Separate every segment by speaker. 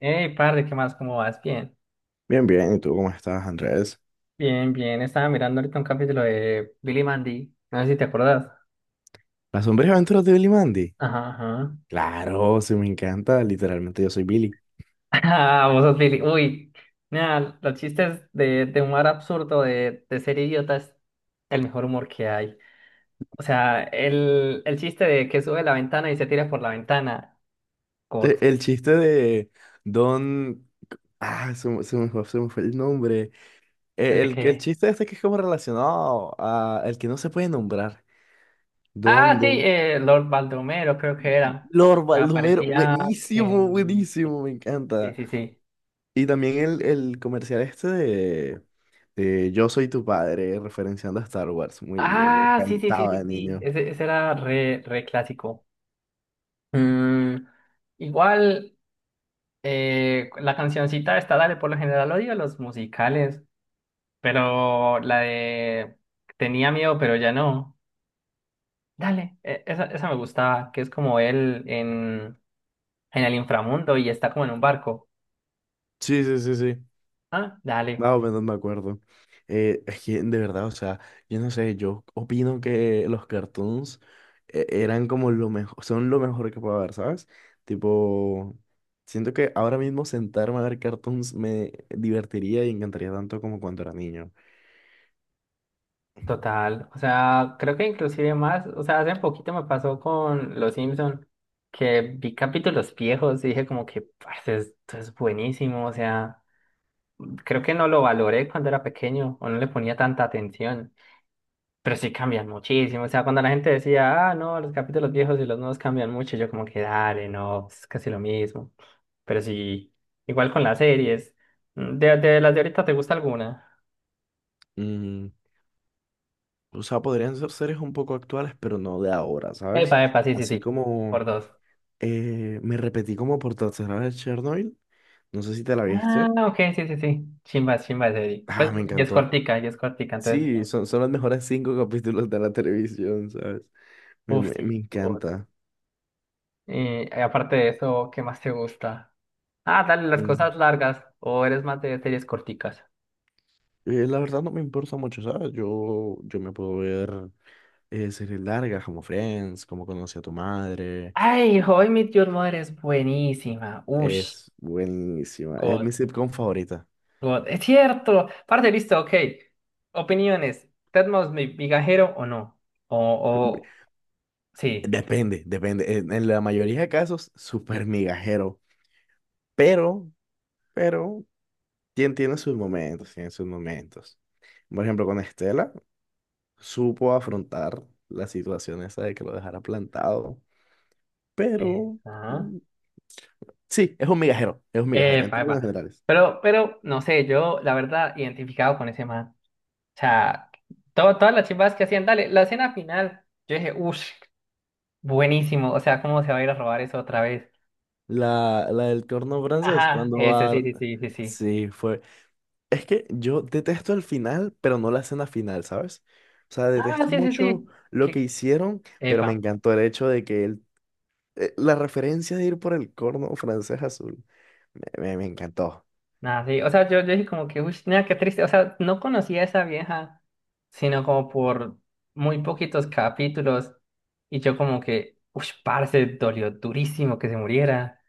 Speaker 1: Hey, padre, ¿qué más? ¿Cómo vas? Bien,
Speaker 2: Bien, bien, ¿y tú cómo estás, Andrés?
Speaker 1: bien, bien. Estaba mirando ahorita un capítulo de Billy Mandy. No sé si te acordás.
Speaker 2: ¿Las sombrías aventuras de Billy Mandy?
Speaker 1: Ajá, ajá.
Speaker 2: Claro, sí, me encanta, literalmente yo soy Billy.
Speaker 1: Ah, vos sos Billy. Uy, mira, los chistes de humor absurdo, de ser idiota, es el mejor humor que hay. O sea, el chiste de que sube la ventana y se tira por la ventana. God.
Speaker 2: El chiste de Don... Ah, se me fue el nombre.
Speaker 1: El
Speaker 2: Eh,
Speaker 1: de
Speaker 2: El, el,
Speaker 1: que.
Speaker 2: chiste este que es como relacionado a el que no se puede nombrar.
Speaker 1: Ah,
Speaker 2: Don,
Speaker 1: sí,
Speaker 2: Don...
Speaker 1: Lord Baldomero, creo que era.
Speaker 2: Lord Baldomero,
Speaker 1: Aparecía
Speaker 2: buenísimo,
Speaker 1: en.
Speaker 2: buenísimo, me
Speaker 1: Sí,
Speaker 2: encanta.
Speaker 1: sí, sí.
Speaker 2: Y también el comercial este de Yo soy tu padre, referenciando a Star Wars. Muy, muy, me
Speaker 1: Ah, sí, sí, sí,
Speaker 2: encantaba
Speaker 1: sí,
Speaker 2: de
Speaker 1: sí.
Speaker 2: niño.
Speaker 1: Ese era re clásico. Mm, igual, la cancioncita esta, dale, por lo general odio los musicales, pero la de tenía miedo, pero ya no. Dale, esa me gustaba, que es como él en el inframundo y está como en un barco.
Speaker 2: Sí, sí, sí, sí.
Speaker 1: Ah, dale.
Speaker 2: Más o menos me acuerdo. Es que de verdad, o sea, yo no sé, yo opino que los cartoons eran como lo mejor, son lo mejor que puedo ver, ¿sabes? Tipo, siento que ahora mismo sentarme a ver cartoons me divertiría y encantaría tanto como cuando era niño.
Speaker 1: Total, o sea, creo que inclusive más, o sea, hace poquito me pasó con Los Simpson que vi capítulos viejos y dije como que, parce, esto es buenísimo, o sea, creo que no lo valoré cuando era pequeño o no le ponía tanta atención, pero sí cambian muchísimo, o sea, cuando la gente decía, ah, no, los capítulos viejos y los nuevos cambian mucho, yo como que, dale, no, es casi lo mismo, pero sí, igual con las series, de las de ahorita, ¿te gusta alguna?
Speaker 2: Mm, o sea, podrían ser series un poco actuales, pero no de ahora, ¿sabes?
Speaker 1: Epa, epa, sí, sí,
Speaker 2: Así
Speaker 1: sí, por
Speaker 2: como
Speaker 1: dos.
Speaker 2: me repetí como por tercera vez Chernobyl, no sé si te la
Speaker 1: Ah,
Speaker 2: viste.
Speaker 1: ok, sí, sí, sí. Chimba, chimba, serie. Pues
Speaker 2: Ah, me encantó.
Speaker 1: y es cortica, entonces
Speaker 2: Sí,
Speaker 1: bien.
Speaker 2: son los mejores cinco capítulos de la televisión, ¿sabes? Me,
Speaker 1: Uf,
Speaker 2: me- me
Speaker 1: sí. Good.
Speaker 2: encanta.
Speaker 1: Y aparte de eso, ¿qué más te gusta? Ah, dale, las
Speaker 2: Mm.
Speaker 1: cosas largas. ¿O eres más de series corticas?
Speaker 2: La verdad no me importa mucho, ¿sabes? Yo me puedo ver series largas como Friends, como Conocí a tu madre.
Speaker 1: Ay, How I Met Your Mother es buenísima. Ush,
Speaker 2: Es buenísima. Es
Speaker 1: God,
Speaker 2: mi sitcom favorita.
Speaker 1: God. Es cierto. Parte, listo, ok. Opiniones. ¿Ted Mosby, mi migajero o no? O,
Speaker 2: Be-
Speaker 1: o, sí.
Speaker 2: Depende, depende. En la mayoría de casos, súper migajero. Pero, pero tiene sus momentos, tiene sus momentos. Por ejemplo, con Estela. Supo afrontar la situación esa de que lo dejara plantado, pero
Speaker 1: Ajá.
Speaker 2: mm, sí, es un migajero en
Speaker 1: Epa,
Speaker 2: términos
Speaker 1: epa.
Speaker 2: generales.
Speaker 1: No sé, yo, la verdad, identificado con ese man. O sea, todas las chivas que hacían, dale, la escena final, yo dije, uff, buenísimo, o sea, ¿cómo se va a ir a robar eso otra vez?
Speaker 2: La del corno francés,
Speaker 1: Ajá,
Speaker 2: cuando
Speaker 1: ese sí,
Speaker 2: va...
Speaker 1: sí, sí, sí, sí.
Speaker 2: Sí, fue... Es que yo detesto el final, pero no la escena final, ¿sabes? O sea,
Speaker 1: Ah,
Speaker 2: detesto
Speaker 1: sí, sí,
Speaker 2: mucho
Speaker 1: sí.
Speaker 2: lo que
Speaker 1: Que,
Speaker 2: hicieron, pero me
Speaker 1: epa,
Speaker 2: encantó el hecho de que él... La referencia de ir por el corno francés azul, me encantó.
Speaker 1: nada, sí, o sea, yo dije como que, uff, nada, qué triste, o sea, no conocía a esa vieja, sino como por muy poquitos capítulos, y yo como que, uff, parce, dolió durísimo que se muriera.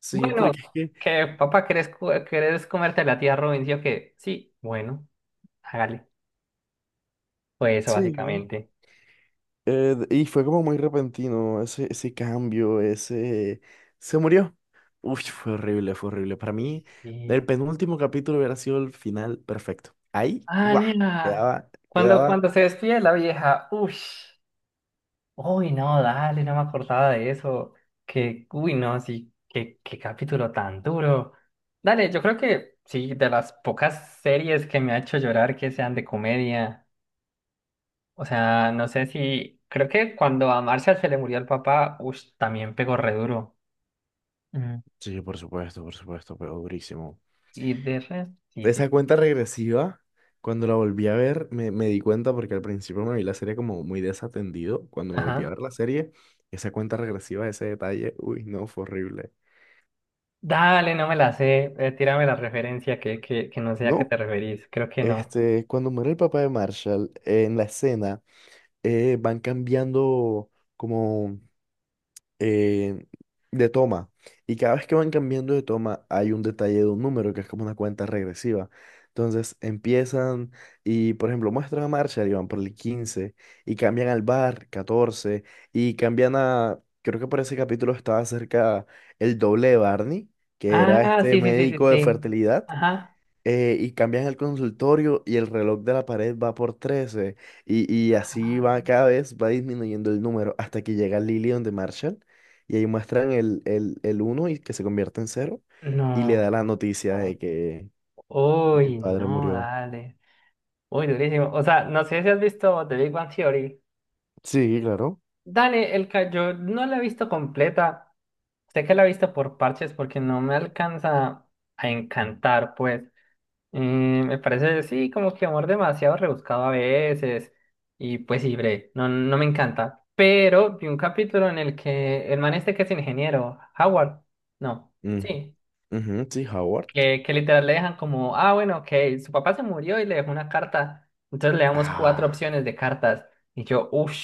Speaker 2: Sí,
Speaker 1: Bueno,
Speaker 2: porque es que...
Speaker 1: que papá, ¿querés comerte a la tía Robin? Sí, ¿o qué? Sí, bueno, hágale. Fue eso
Speaker 2: Sí.
Speaker 1: básicamente.
Speaker 2: Y fue como muy repentino ese cambio, ese... Se murió. Uy, fue horrible, fue horrible. Para
Speaker 1: Uy,
Speaker 2: mí,
Speaker 1: sí.
Speaker 2: el penúltimo capítulo hubiera sido el final perfecto. Ahí,
Speaker 1: Ah,
Speaker 2: ¡guau!
Speaker 1: nena.
Speaker 2: Quedaba,
Speaker 1: Cuando
Speaker 2: quedaba...
Speaker 1: se despide la vieja, uy, uy, no, dale, no me acordaba de eso. Que, uy, no, sí, qué capítulo tan duro. Dale, yo creo que sí, de las pocas series que me ha hecho llorar que sean de comedia. O sea, no sé si, creo que cuando a Marcia se le murió el papá, uy, también pegó re duro. Mm,
Speaker 2: Sí, por supuesto, pero durísimo.
Speaker 1: y de resto, sí, sí,
Speaker 2: Esa
Speaker 1: sí.
Speaker 2: cuenta regresiva, cuando la volví a ver, me di cuenta porque al principio me vi la serie como muy desatendido. Cuando me volví a
Speaker 1: Ajá.
Speaker 2: ver la serie, esa cuenta regresiva, ese detalle, uy, no, fue horrible.
Speaker 1: Dale, no me la sé. Tírame la referencia que no sé a qué
Speaker 2: No,
Speaker 1: te referís. Creo que no.
Speaker 2: Cuando muere el papá de Marshall, en la escena van cambiando como eh, de toma. Y cada vez que van cambiando de toma hay un detalle de un número que es como una cuenta regresiva. Entonces empiezan y, por ejemplo, muestran a Marshall y van por el 15 y cambian al bar 14 y cambian a, creo que por ese capítulo estaba cerca el doble de Barney, que era
Speaker 1: Ah,
Speaker 2: este
Speaker 1: sí, sí, sí, sí,
Speaker 2: médico de
Speaker 1: sí.
Speaker 2: fertilidad
Speaker 1: Ajá.
Speaker 2: y cambian el consultorio y el reloj de la pared va por 13 y así
Speaker 1: Ah,
Speaker 2: va cada vez, va disminuyendo el número hasta que llega Lillian de Marshall y ahí muestran el 1 y que se convierte en 0 y le
Speaker 1: no.
Speaker 2: da la noticia de que, el
Speaker 1: Uy,
Speaker 2: padre
Speaker 1: no,
Speaker 2: murió.
Speaker 1: dale. Uy, durísimo. O sea, no sé si has visto The Big Bang Theory.
Speaker 2: Sí, claro.
Speaker 1: Dale, yo no la he visto completa. Sé que la he visto por parches porque no me alcanza a encantar, pues. Y me parece, sí, como que amor demasiado rebuscado a veces. Y pues sí, bre, no me encanta. Pero vi un capítulo en el que el man este que es ingeniero, Howard, no,
Speaker 2: Mm,
Speaker 1: sí,
Speaker 2: ujú, sí, Howard.
Speaker 1: que literal le dejan como, ah, bueno, ok, su papá se murió y le dejó una carta. Entonces le damos cuatro
Speaker 2: Ah.
Speaker 1: opciones de cartas. Y yo, uff,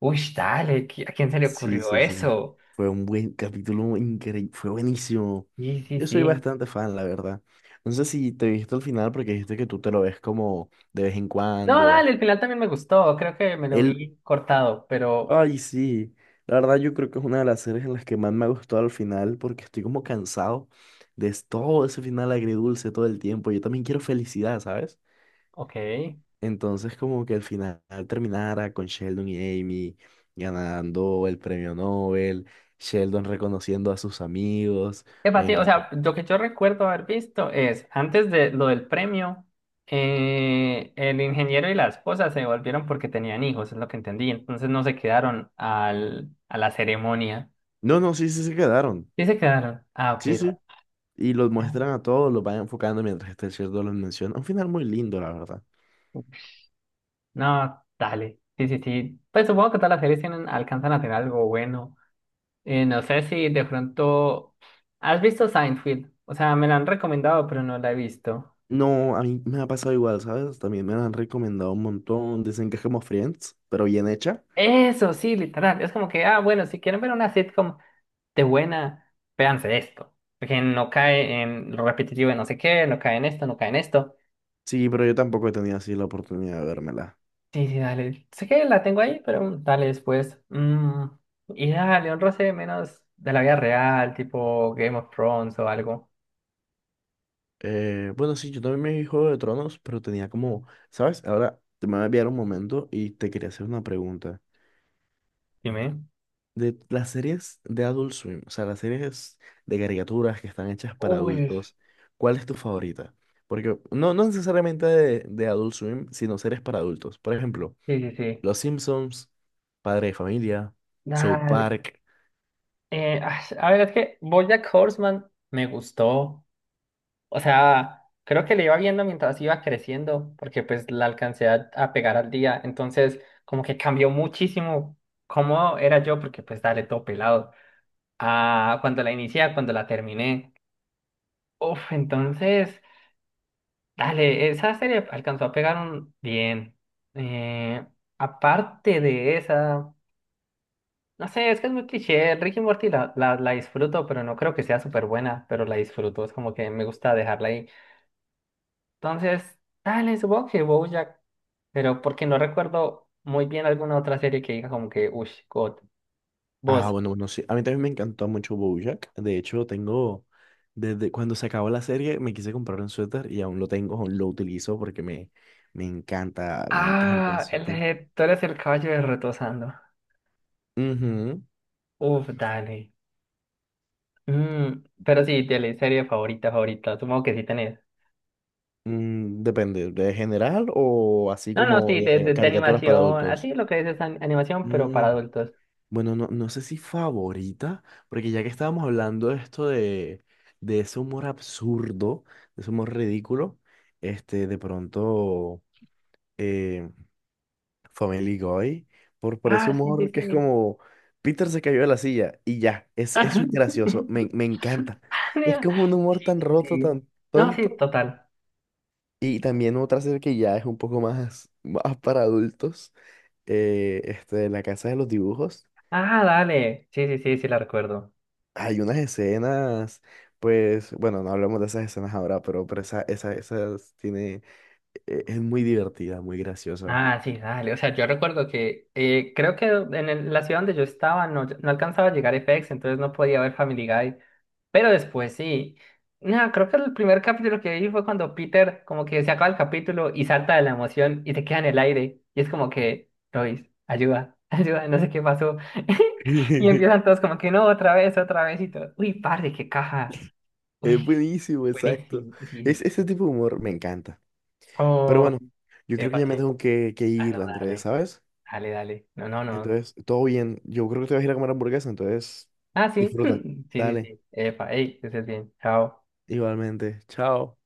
Speaker 1: uff, dale, ¿a quién se le
Speaker 2: Sí,
Speaker 1: ocurrió
Speaker 2: sí, sí.
Speaker 1: eso?
Speaker 2: Fue un buen capítulo increíble. Fue buenísimo.
Speaker 1: Sí, sí,
Speaker 2: Yo soy
Speaker 1: sí.
Speaker 2: bastante fan, la verdad. No sé si te viste al final porque dijiste que tú te lo ves como de vez en
Speaker 1: No,
Speaker 2: cuando.
Speaker 1: dale, el final también me gustó. Creo que me lo
Speaker 2: Él,
Speaker 1: vi cortado, pero
Speaker 2: Ay, sí. La verdad, yo creo que es una de las series en las que más me ha gustado al final porque estoy como cansado de todo ese final agridulce todo el tiempo. Yo también quiero felicidad, ¿sabes?
Speaker 1: ok.
Speaker 2: Entonces, como que al final terminara con Sheldon y Amy ganando el premio Nobel, Sheldon reconociendo a sus amigos,
Speaker 1: Es
Speaker 2: me
Speaker 1: sí, o
Speaker 2: encantó.
Speaker 1: sea, lo que yo recuerdo haber visto es, antes de lo del premio, el ingeniero y la esposa se devolvieron porque tenían hijos, es lo que entendí. Entonces no se quedaron al, a la ceremonia.
Speaker 2: No, no, sí, sí se quedaron.
Speaker 1: Sí se quedaron. Ah, ok,
Speaker 2: Sí,
Speaker 1: da-.
Speaker 2: sí. Y los muestran a todos, los van enfocando mientras este Sheldon los menciona. Un final muy lindo, la verdad.
Speaker 1: No, dale. Sí, sí, sí. Pues supongo que todas las series tienen, alcanzan a tener algo bueno. No sé si de pronto... ¿Has visto Seinfeld? O sea, me la han recomendado, pero no la he visto.
Speaker 2: No, a mí me ha pasado igual, ¿sabes? También me lo han recomendado un montón. Dicen que es como Friends, pero bien hecha.
Speaker 1: Eso, sí, literal. Es como que, ah, bueno, si quieren ver una sitcom... de buena, véanse esto. Porque no cae en lo repetitivo de no sé qué, no cae en esto, no cae en esto.
Speaker 2: Sí, pero yo tampoco he tenido así la oportunidad de vérmela.
Speaker 1: Sí, sí, dale. Sé que la tengo ahí, pero mm, dale después. Mm, y dale, un roce menos de la vida real, tipo Game of Thrones o algo.
Speaker 2: Bueno, sí, yo también me vi Juego de Tronos, pero tenía como, ¿sabes? Ahora te me voy a enviar un momento y te quería hacer una pregunta.
Speaker 1: Dime.
Speaker 2: De las series de Adult Swim, o sea, las series de caricaturas que están hechas para
Speaker 1: Uy,
Speaker 2: adultos, ¿cuál es tu favorita? Porque no necesariamente de Adult Swim, sino series para adultos. Por ejemplo,
Speaker 1: sí, sí, sí.
Speaker 2: Los Simpsons, Padre de Familia, South
Speaker 1: Dale.
Speaker 2: Park.
Speaker 1: A ver, es que BoJack Horseman me gustó. O sea, creo que le iba viendo mientras iba creciendo, porque pues la alcancé a pegar al día. Entonces, como que cambió muchísimo cómo era yo, porque pues dale todo pelado. A cuando la inicié, a cuando la terminé. Uf, entonces, dale, esa serie alcanzó a pegar un bien. Eh, aparte de esa, no sé, es que es muy cliché. Rick y Morty la disfruto, pero no creo que sea súper buena, pero la disfruto. Es como que me gusta dejarla ahí. Entonces, dale, supongo que BoJack, pero porque no recuerdo muy bien alguna otra serie que diga como que, uff, God,
Speaker 2: Ah,
Speaker 1: vos.
Speaker 2: bueno, bueno, sí. A mí también me encantó mucho BoJack. De hecho, tengo, desde cuando se acabó la serie, me quise comprar un suéter y aún lo tengo, aún lo utilizo porque me encanta, me encanta el
Speaker 1: Ah, el
Speaker 2: suéter.
Speaker 1: de Tú eres el caballo de retosando.
Speaker 2: Ujú.
Speaker 1: Uf, dale. Mm, pero sí, de serie favorita, favorita, supongo que sí tenés.
Speaker 2: Depende, ¿de general o así
Speaker 1: No, no,
Speaker 2: como
Speaker 1: sí,
Speaker 2: de
Speaker 1: de
Speaker 2: caricaturas para
Speaker 1: animación,
Speaker 2: adultos?
Speaker 1: así lo que dices, animación, pero
Speaker 2: Mm,
Speaker 1: para adultos.
Speaker 2: bueno, no sé si favorita, porque ya que estábamos hablando de esto de ese humor absurdo, de ese humor ridículo, de pronto... eh, Family Guy, por ese
Speaker 1: Ah, sí, sí,
Speaker 2: humor que es
Speaker 1: sí.
Speaker 2: como Peter se cayó de la silla y ya, eso es gracioso, me, me encanta. Es como un humor tan
Speaker 1: Sí,
Speaker 2: roto,
Speaker 1: sí.
Speaker 2: tan
Speaker 1: No, sí,
Speaker 2: tonto.
Speaker 1: total.
Speaker 2: Y también otra serie que ya es un poco más, más para adultos, La Casa de los Dibujos.
Speaker 1: Ah, dale. Sí, sí, sí, sí la recuerdo.
Speaker 2: Hay unas escenas, pues, bueno, no hablamos de esas escenas ahora, pero esa, esa, esas tiene, es muy divertida, muy graciosa.
Speaker 1: Ah, sí, dale. O sea, yo recuerdo que creo que la ciudad donde yo estaba no, no alcanzaba a llegar FX, entonces no podía ver Family Guy. Pero después sí. No, creo que el primer capítulo que vi fue cuando Peter como que se acaba el capítulo y salta de la emoción y se queda en el aire. Y es como que, Lois, ayuda, ayuda, no sé qué pasó. Y empiezan todos como que no, otra vez y todo. Uy, padre, qué caja.
Speaker 2: Es
Speaker 1: Uy,
Speaker 2: buenísimo, exacto.
Speaker 1: buenísimo. Sí, sí,
Speaker 2: Ese
Speaker 1: sí.
Speaker 2: tipo de humor me encanta. Pero
Speaker 1: Oh,
Speaker 2: bueno, yo creo que
Speaker 1: epa,
Speaker 2: ya
Speaker 1: sí.
Speaker 2: me tengo que
Speaker 1: Ah,
Speaker 2: ir,
Speaker 1: no,
Speaker 2: Andrés,
Speaker 1: dale.
Speaker 2: ¿sabes?
Speaker 1: Dale, dale. No, no, no.
Speaker 2: Entonces, todo bien. Yo creo que te vas a ir a comer hamburguesa, entonces
Speaker 1: Ah, sí.
Speaker 2: disfruta.
Speaker 1: Sí, sí,
Speaker 2: Dale,
Speaker 1: sí. Epa, hey, que estés bien. Chao.
Speaker 2: igualmente. Chao.